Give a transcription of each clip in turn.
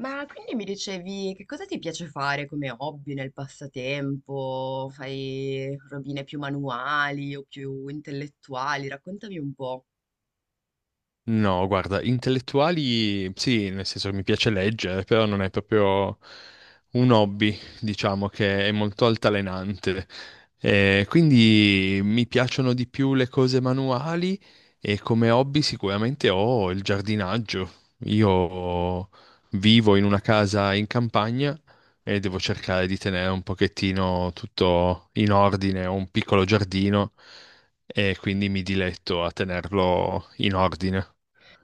Ma quindi mi dicevi che cosa ti piace fare come hobby nel passatempo? Fai robine più manuali o più intellettuali? Raccontami un po'. No, guarda, intellettuali sì, nel senso che mi piace leggere, però non è proprio un hobby, diciamo che è molto altalenante. Quindi mi piacciono di più le cose manuali e come hobby sicuramente ho il giardinaggio. Io vivo in una casa in campagna e devo Mhm. cercare di tenere un pochettino tutto in ordine, ho un piccolo giardino e quindi mi diletto a tenerlo in ordine.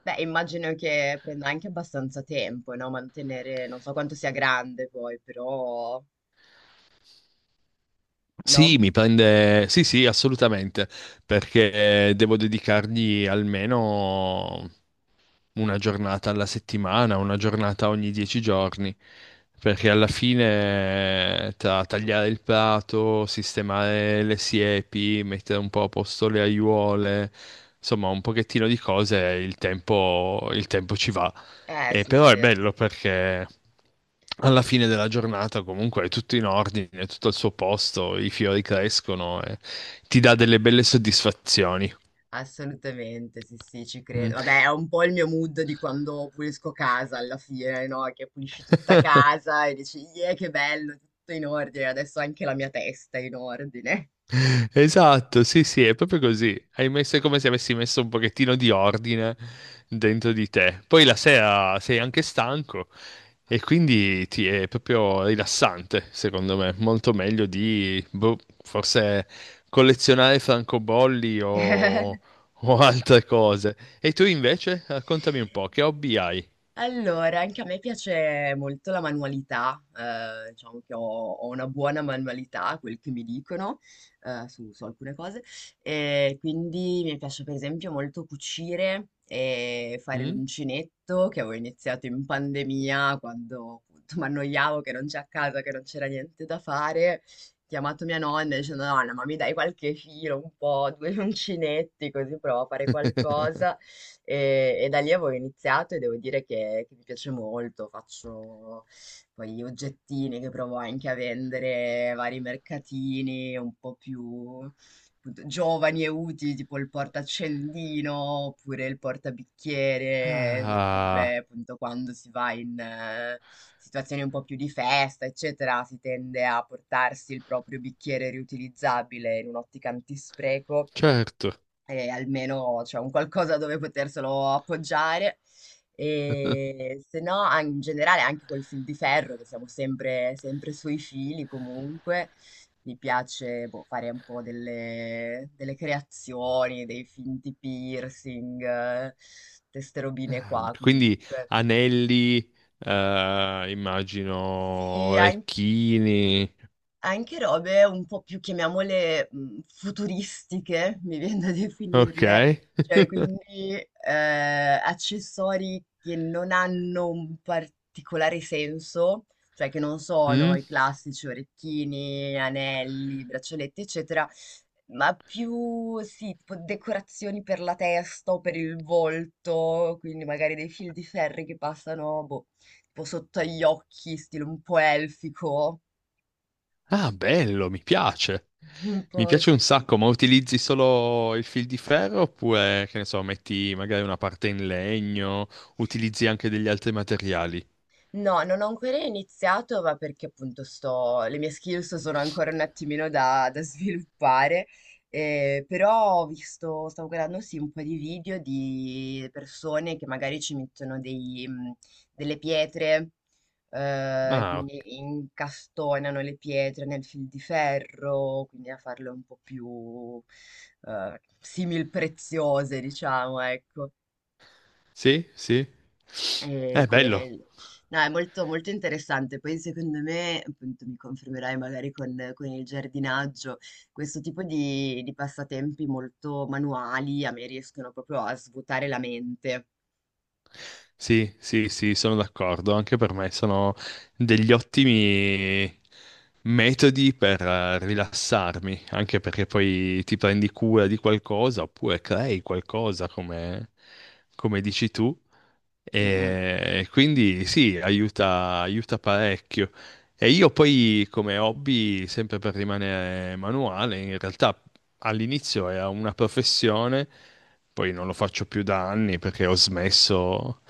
Beh, immagino che prenda anche abbastanza tempo, no? Mantenere, non so quanto sia grande poi, però, no? Sì, mi prende, sì, sì, assolutamente, perché devo dedicargli almeno una giornata alla settimana, una giornata ogni 10 giorni, perché alla fine tra tagliare il prato, sistemare le siepi, mettere un po' a posto le aiuole, insomma, un pochettino di cose, il tempo ci va. E Sì, sì, però è sì, bello perché alla fine della giornata comunque è tutto in ordine, è tutto al suo posto, i fiori crescono e ti dà delle belle soddisfazioni. assolutamente, sì, sì, ci credo. Mm. Vabbè, è un po' il mio mood di quando pulisco casa alla fine, no? Che pulisci tutta casa e dici, yeah, che bello, tutto in ordine, adesso anche la mia testa è in ordine. Esatto, sì, sì, è proprio così. Hai messo è come se avessi messo un pochettino di ordine dentro di te. Poi la sera sei anche stanco e quindi ti è proprio rilassante, secondo me. Molto meglio di, boh, forse collezionare francobolli o altre cose. E tu invece, raccontami un po', che hobby hai? Allora, anche a me piace molto la manualità, diciamo che ho una buona manualità, quel che mi dicono, su alcune cose, e quindi mi piace per esempio molto cucire e fare Mm? l'uncinetto, che avevo iniziato in pandemia, quando appunto mi annoiavo che non c'è a casa, che non c'era niente da fare. Ho chiamato mia nonna dicendo, nonna, ma mi dai qualche filo, un po', due uncinetti, così provo a fare qualcosa. E da lì avevo iniziato e devo dire che mi piace molto, faccio poi gli oggettini che provo anche a vendere, vari mercatini un po' più appunto, giovani e utili, tipo il portaccendino oppure il portabicchiere, siccome Ah, appunto quando si va in situazioni un po' più di festa, eccetera, si tende a portarsi il proprio bicchiere riutilizzabile in un'ottica antispreco certo. e almeno c'è un qualcosa dove poterselo appoggiare. E se no, in generale, anche col fil di ferro, che siamo sempre, sempre sui fili comunque, mi piace boh, fare un po' delle creazioni, dei finti piercing, queste robine qua Vabbè, quindi comunque. anelli, immagino, Sì, orecchini. anche robe un po' più, chiamiamole, futuristiche, mi vien da Ok. definirle, cioè quindi, accessori che non hanno un particolare senso, cioè che non sono Mm? i classici orecchini, anelli, braccialetti, eccetera, ma più sì, tipo decorazioni per la testa o per il volto, quindi magari dei fil di ferri che passano, boh, tipo sotto agli occhi, stile un po' elfico. Ah, bello, mi piace. Un Mi po', piace sì, un sì. sacco, ma utilizzi solo il fil di ferro oppure, che ne so, metti magari una parte in legno, utilizzi anche degli altri materiali? No, non ho ancora iniziato, ma perché appunto sto, le mie skills sono ancora un attimino da, sviluppare, però ho visto, stavo guardando sì un po' di video di persone che magari ci mettono delle pietre, Ah, ok. quindi incastonano le pietre nel fil di ferro, quindi a farle un po' più simil preziose, diciamo, ecco. Sì, sì. E È bello. quel- No, è molto, molto interessante. Poi secondo me, appunto, mi confermerai magari con il giardinaggio, questo tipo di passatempi molto manuali a me riescono proprio a svuotare la mente. Sì, sì, sì, sono d'accordo. Anche per me sono degli ottimi metodi per rilassarmi, anche perché poi ti prendi cura di qualcosa oppure crei qualcosa come dici tu. Mm, mm. E quindi sì, aiuta, aiuta parecchio. E io poi come hobby, sempre per rimanere manuale, in realtà all'inizio era una professione. Poi non lo faccio più da anni perché ho smesso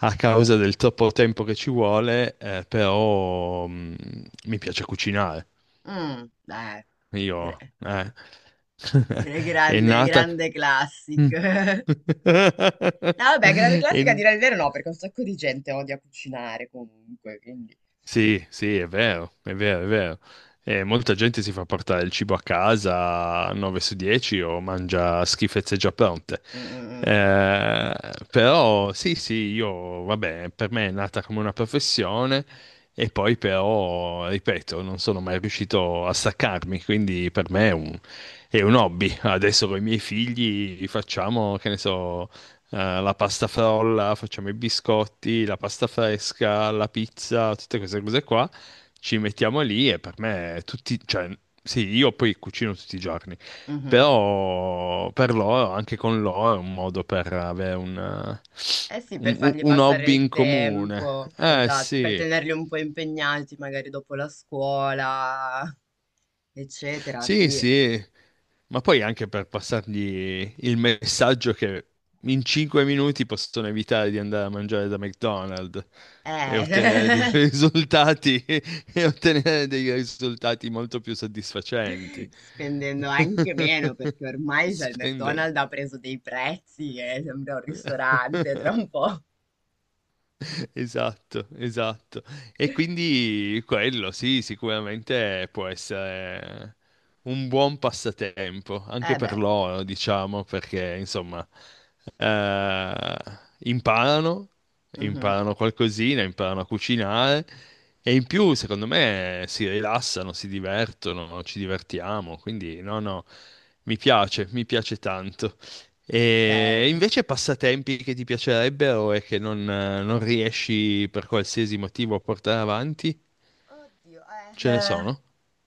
a causa del troppo tempo che ci vuole, però mi piace cucinare. mm, eh, Io, gre- eh. È Grande, nata. grande classic. Mm. No, vabbè, grande È classica a dire il vero no, perché un sacco di gente odia cucinare comunque, quindi... Sì, sì, è vero, è vero, è vero. E molta gente si fa portare il cibo a casa 9 su 10 o mangia schifezze già pronte. Mm, mm, Eh, Però sì, sì, io, vabbè, per me è nata come una professione e poi però, ripeto, non sono mai riuscito a staccarmi, quindi per me è un hobby. Adesso con i miei figli facciamo, che ne so, la pasta frolla, facciamo i biscotti, la pasta fresca, la pizza, tutte queste cose qua. Ci mettiamo lì e per me tutti, cioè, sì, io poi cucino tutti i giorni, mm, mhm. però per loro, anche con loro, è un modo per avere un, eh, Eh sì, per un un- fargli un passare hobby il in comune. tempo, Eh esatto, per sì. tenerli un po' impegnati magari dopo la scuola, eccetera, Sì, sì. sì, ma poi anche per passargli il messaggio che in 5 minuti possono evitare di andare a mangiare da McDonald's e ottenere dei Eh, risultati, e ottenere dei risultati molto più soddisfacenti. spendendo anche meno perché ormai cioè, il Spendendo. McDonald's ha preso dei prezzi e sembra un ristorante tra un po'. Esatto, esatto. E quindi quello, sì, sicuramente può essere un buon passatempo, anche Eh per beh. loro, diciamo, perché insomma, eh, imparano, Mhm. imparano qualcosina, imparano a cucinare e in più, secondo me, si rilassano, si divertono, ci divertiamo, quindi no, no, mi piace tanto. E Bello. invece passatempi che ti piacerebbero e che non riesci per qualsiasi motivo a portare avanti, Oddio, eh. ce ne eh. sono?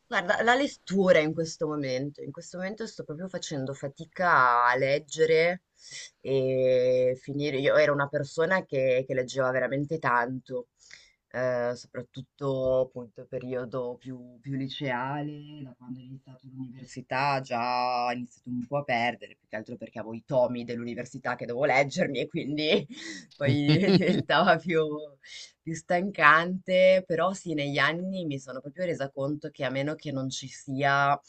Guarda, la lettura in questo momento sto proprio facendo fatica a leggere e finire. Io ero una persona che leggeva veramente tanto, soprattutto appunto periodo più liceale, da quando ho iniziato l'università già ho iniziato un po' a perdere, più che altro perché avevo i tomi dell'università che dovevo leggermi e quindi poi diventava più stancante, però sì, negli anni mi sono proprio resa conto che a meno che non ci sia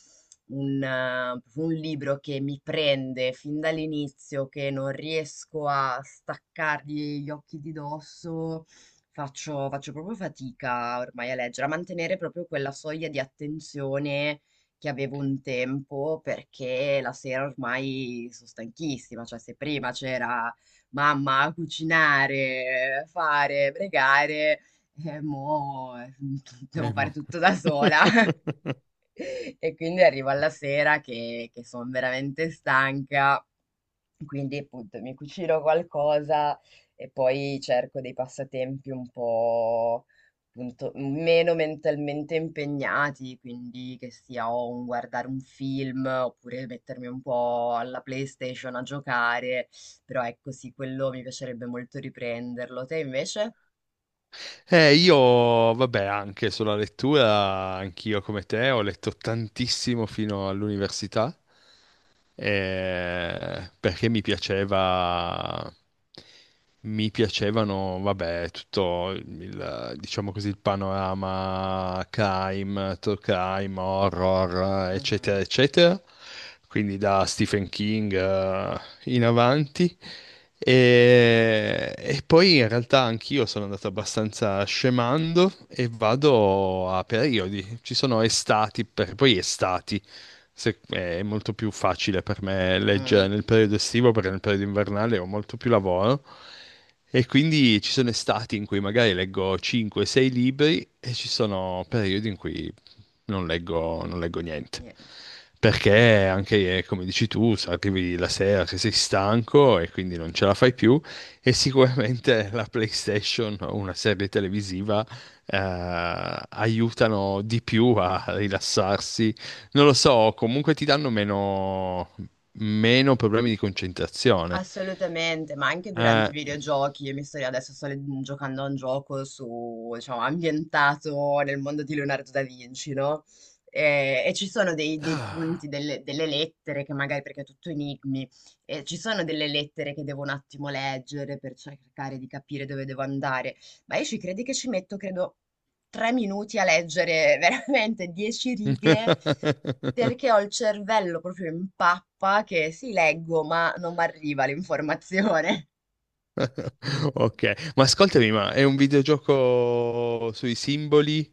un libro che mi prende fin dall'inizio, che non riesco a staccargli gli occhi di dosso, faccio proprio fatica ormai a leggere, a mantenere proprio quella soglia di attenzione che avevo un tempo, perché la sera ormai sono stanchissima, cioè se prima c'era mamma a cucinare, fare, pregare, mo devo fare mo. tutto da sola. E quindi arrivo alla sera che son veramente stanca, quindi appunto mi cucino qualcosa e poi cerco dei passatempi un po' appunto meno mentalmente impegnati, quindi che sia o un guardare un film oppure mettermi un po' alla PlayStation a giocare, però ecco sì, quello mi piacerebbe molto riprenderlo. Te invece? Io, vabbè, anche sulla lettura, anch'io come te, ho letto tantissimo fino all'università perché mi piaceva, mi piacevano, vabbè, tutto il, diciamo così, il panorama crime, true crime, horror, Mh-mh. eccetera, eccetera. Quindi da Stephen King, in avanti. E poi in realtà anch'io sono andato abbastanza scemando e vado a periodi. Ci sono estati, poi estati. È molto più facile per me leggere Mh, nel periodo estivo perché nel periodo invernale ho molto più lavoro. E quindi ci sono estati in cui magari leggo 5-6 libri e ci sono periodi in cui non leggo niente. nien Perché anche, come dici tu, se arrivi la sera che sei stanco e quindi non ce la fai più e sicuramente la PlayStation o una serie televisiva eh, aiutano di più a rilassarsi. Non lo so, comunque ti danno meno problemi di concentrazione. Assolutamente, ma anche durante i Eh, videogiochi, io mi sto adesso sto le- mhmm, giocando a un gioco su, diciamo, ambientato nel mondo di Leonardo da Vinci, no? E ci sono dei punti, delle lettere che magari, perché è tutto enigmi, e ci sono delle lettere che devo un attimo leggere per cercare di capire dove devo andare, ma io ci credi che ci metto, credo, 3 minuti a leggere veramente 10 righe. Perché ho il cervello proprio in pappa che sì, leggo, ma non mi arriva l'informazione. Ok, ma ascoltami, ma è un videogioco sui simboli?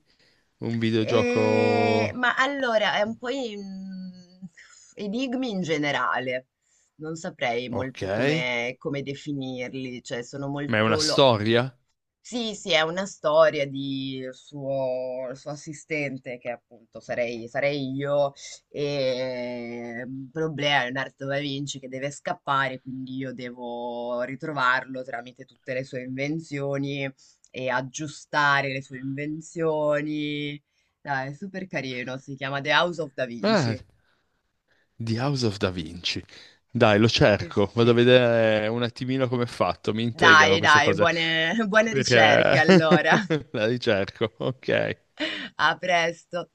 Un videogioco. Ma allora, è un po' enigmi in generale. Non saprei Ok. molto come definirli, cioè sono Ma è una molto. storia? Sì, sì, è una storia di suo, il suo assistente, che appunto sarei io, e un problema, Leonardo da Vinci, che deve scappare, quindi io devo ritrovarlo tramite tutte le sue invenzioni e aggiustare le sue invenzioni. Dai, è super carino, si chiama The House of Da Ah, Vinci. The House of Da Vinci. Dai, lo Sì, sì, cerco, vado a sì. vedere un attimino come è fatto, mi intrigano Dai, queste dai, cose. buone buone ricerche allora. Perché la ricerco, ok. A presto.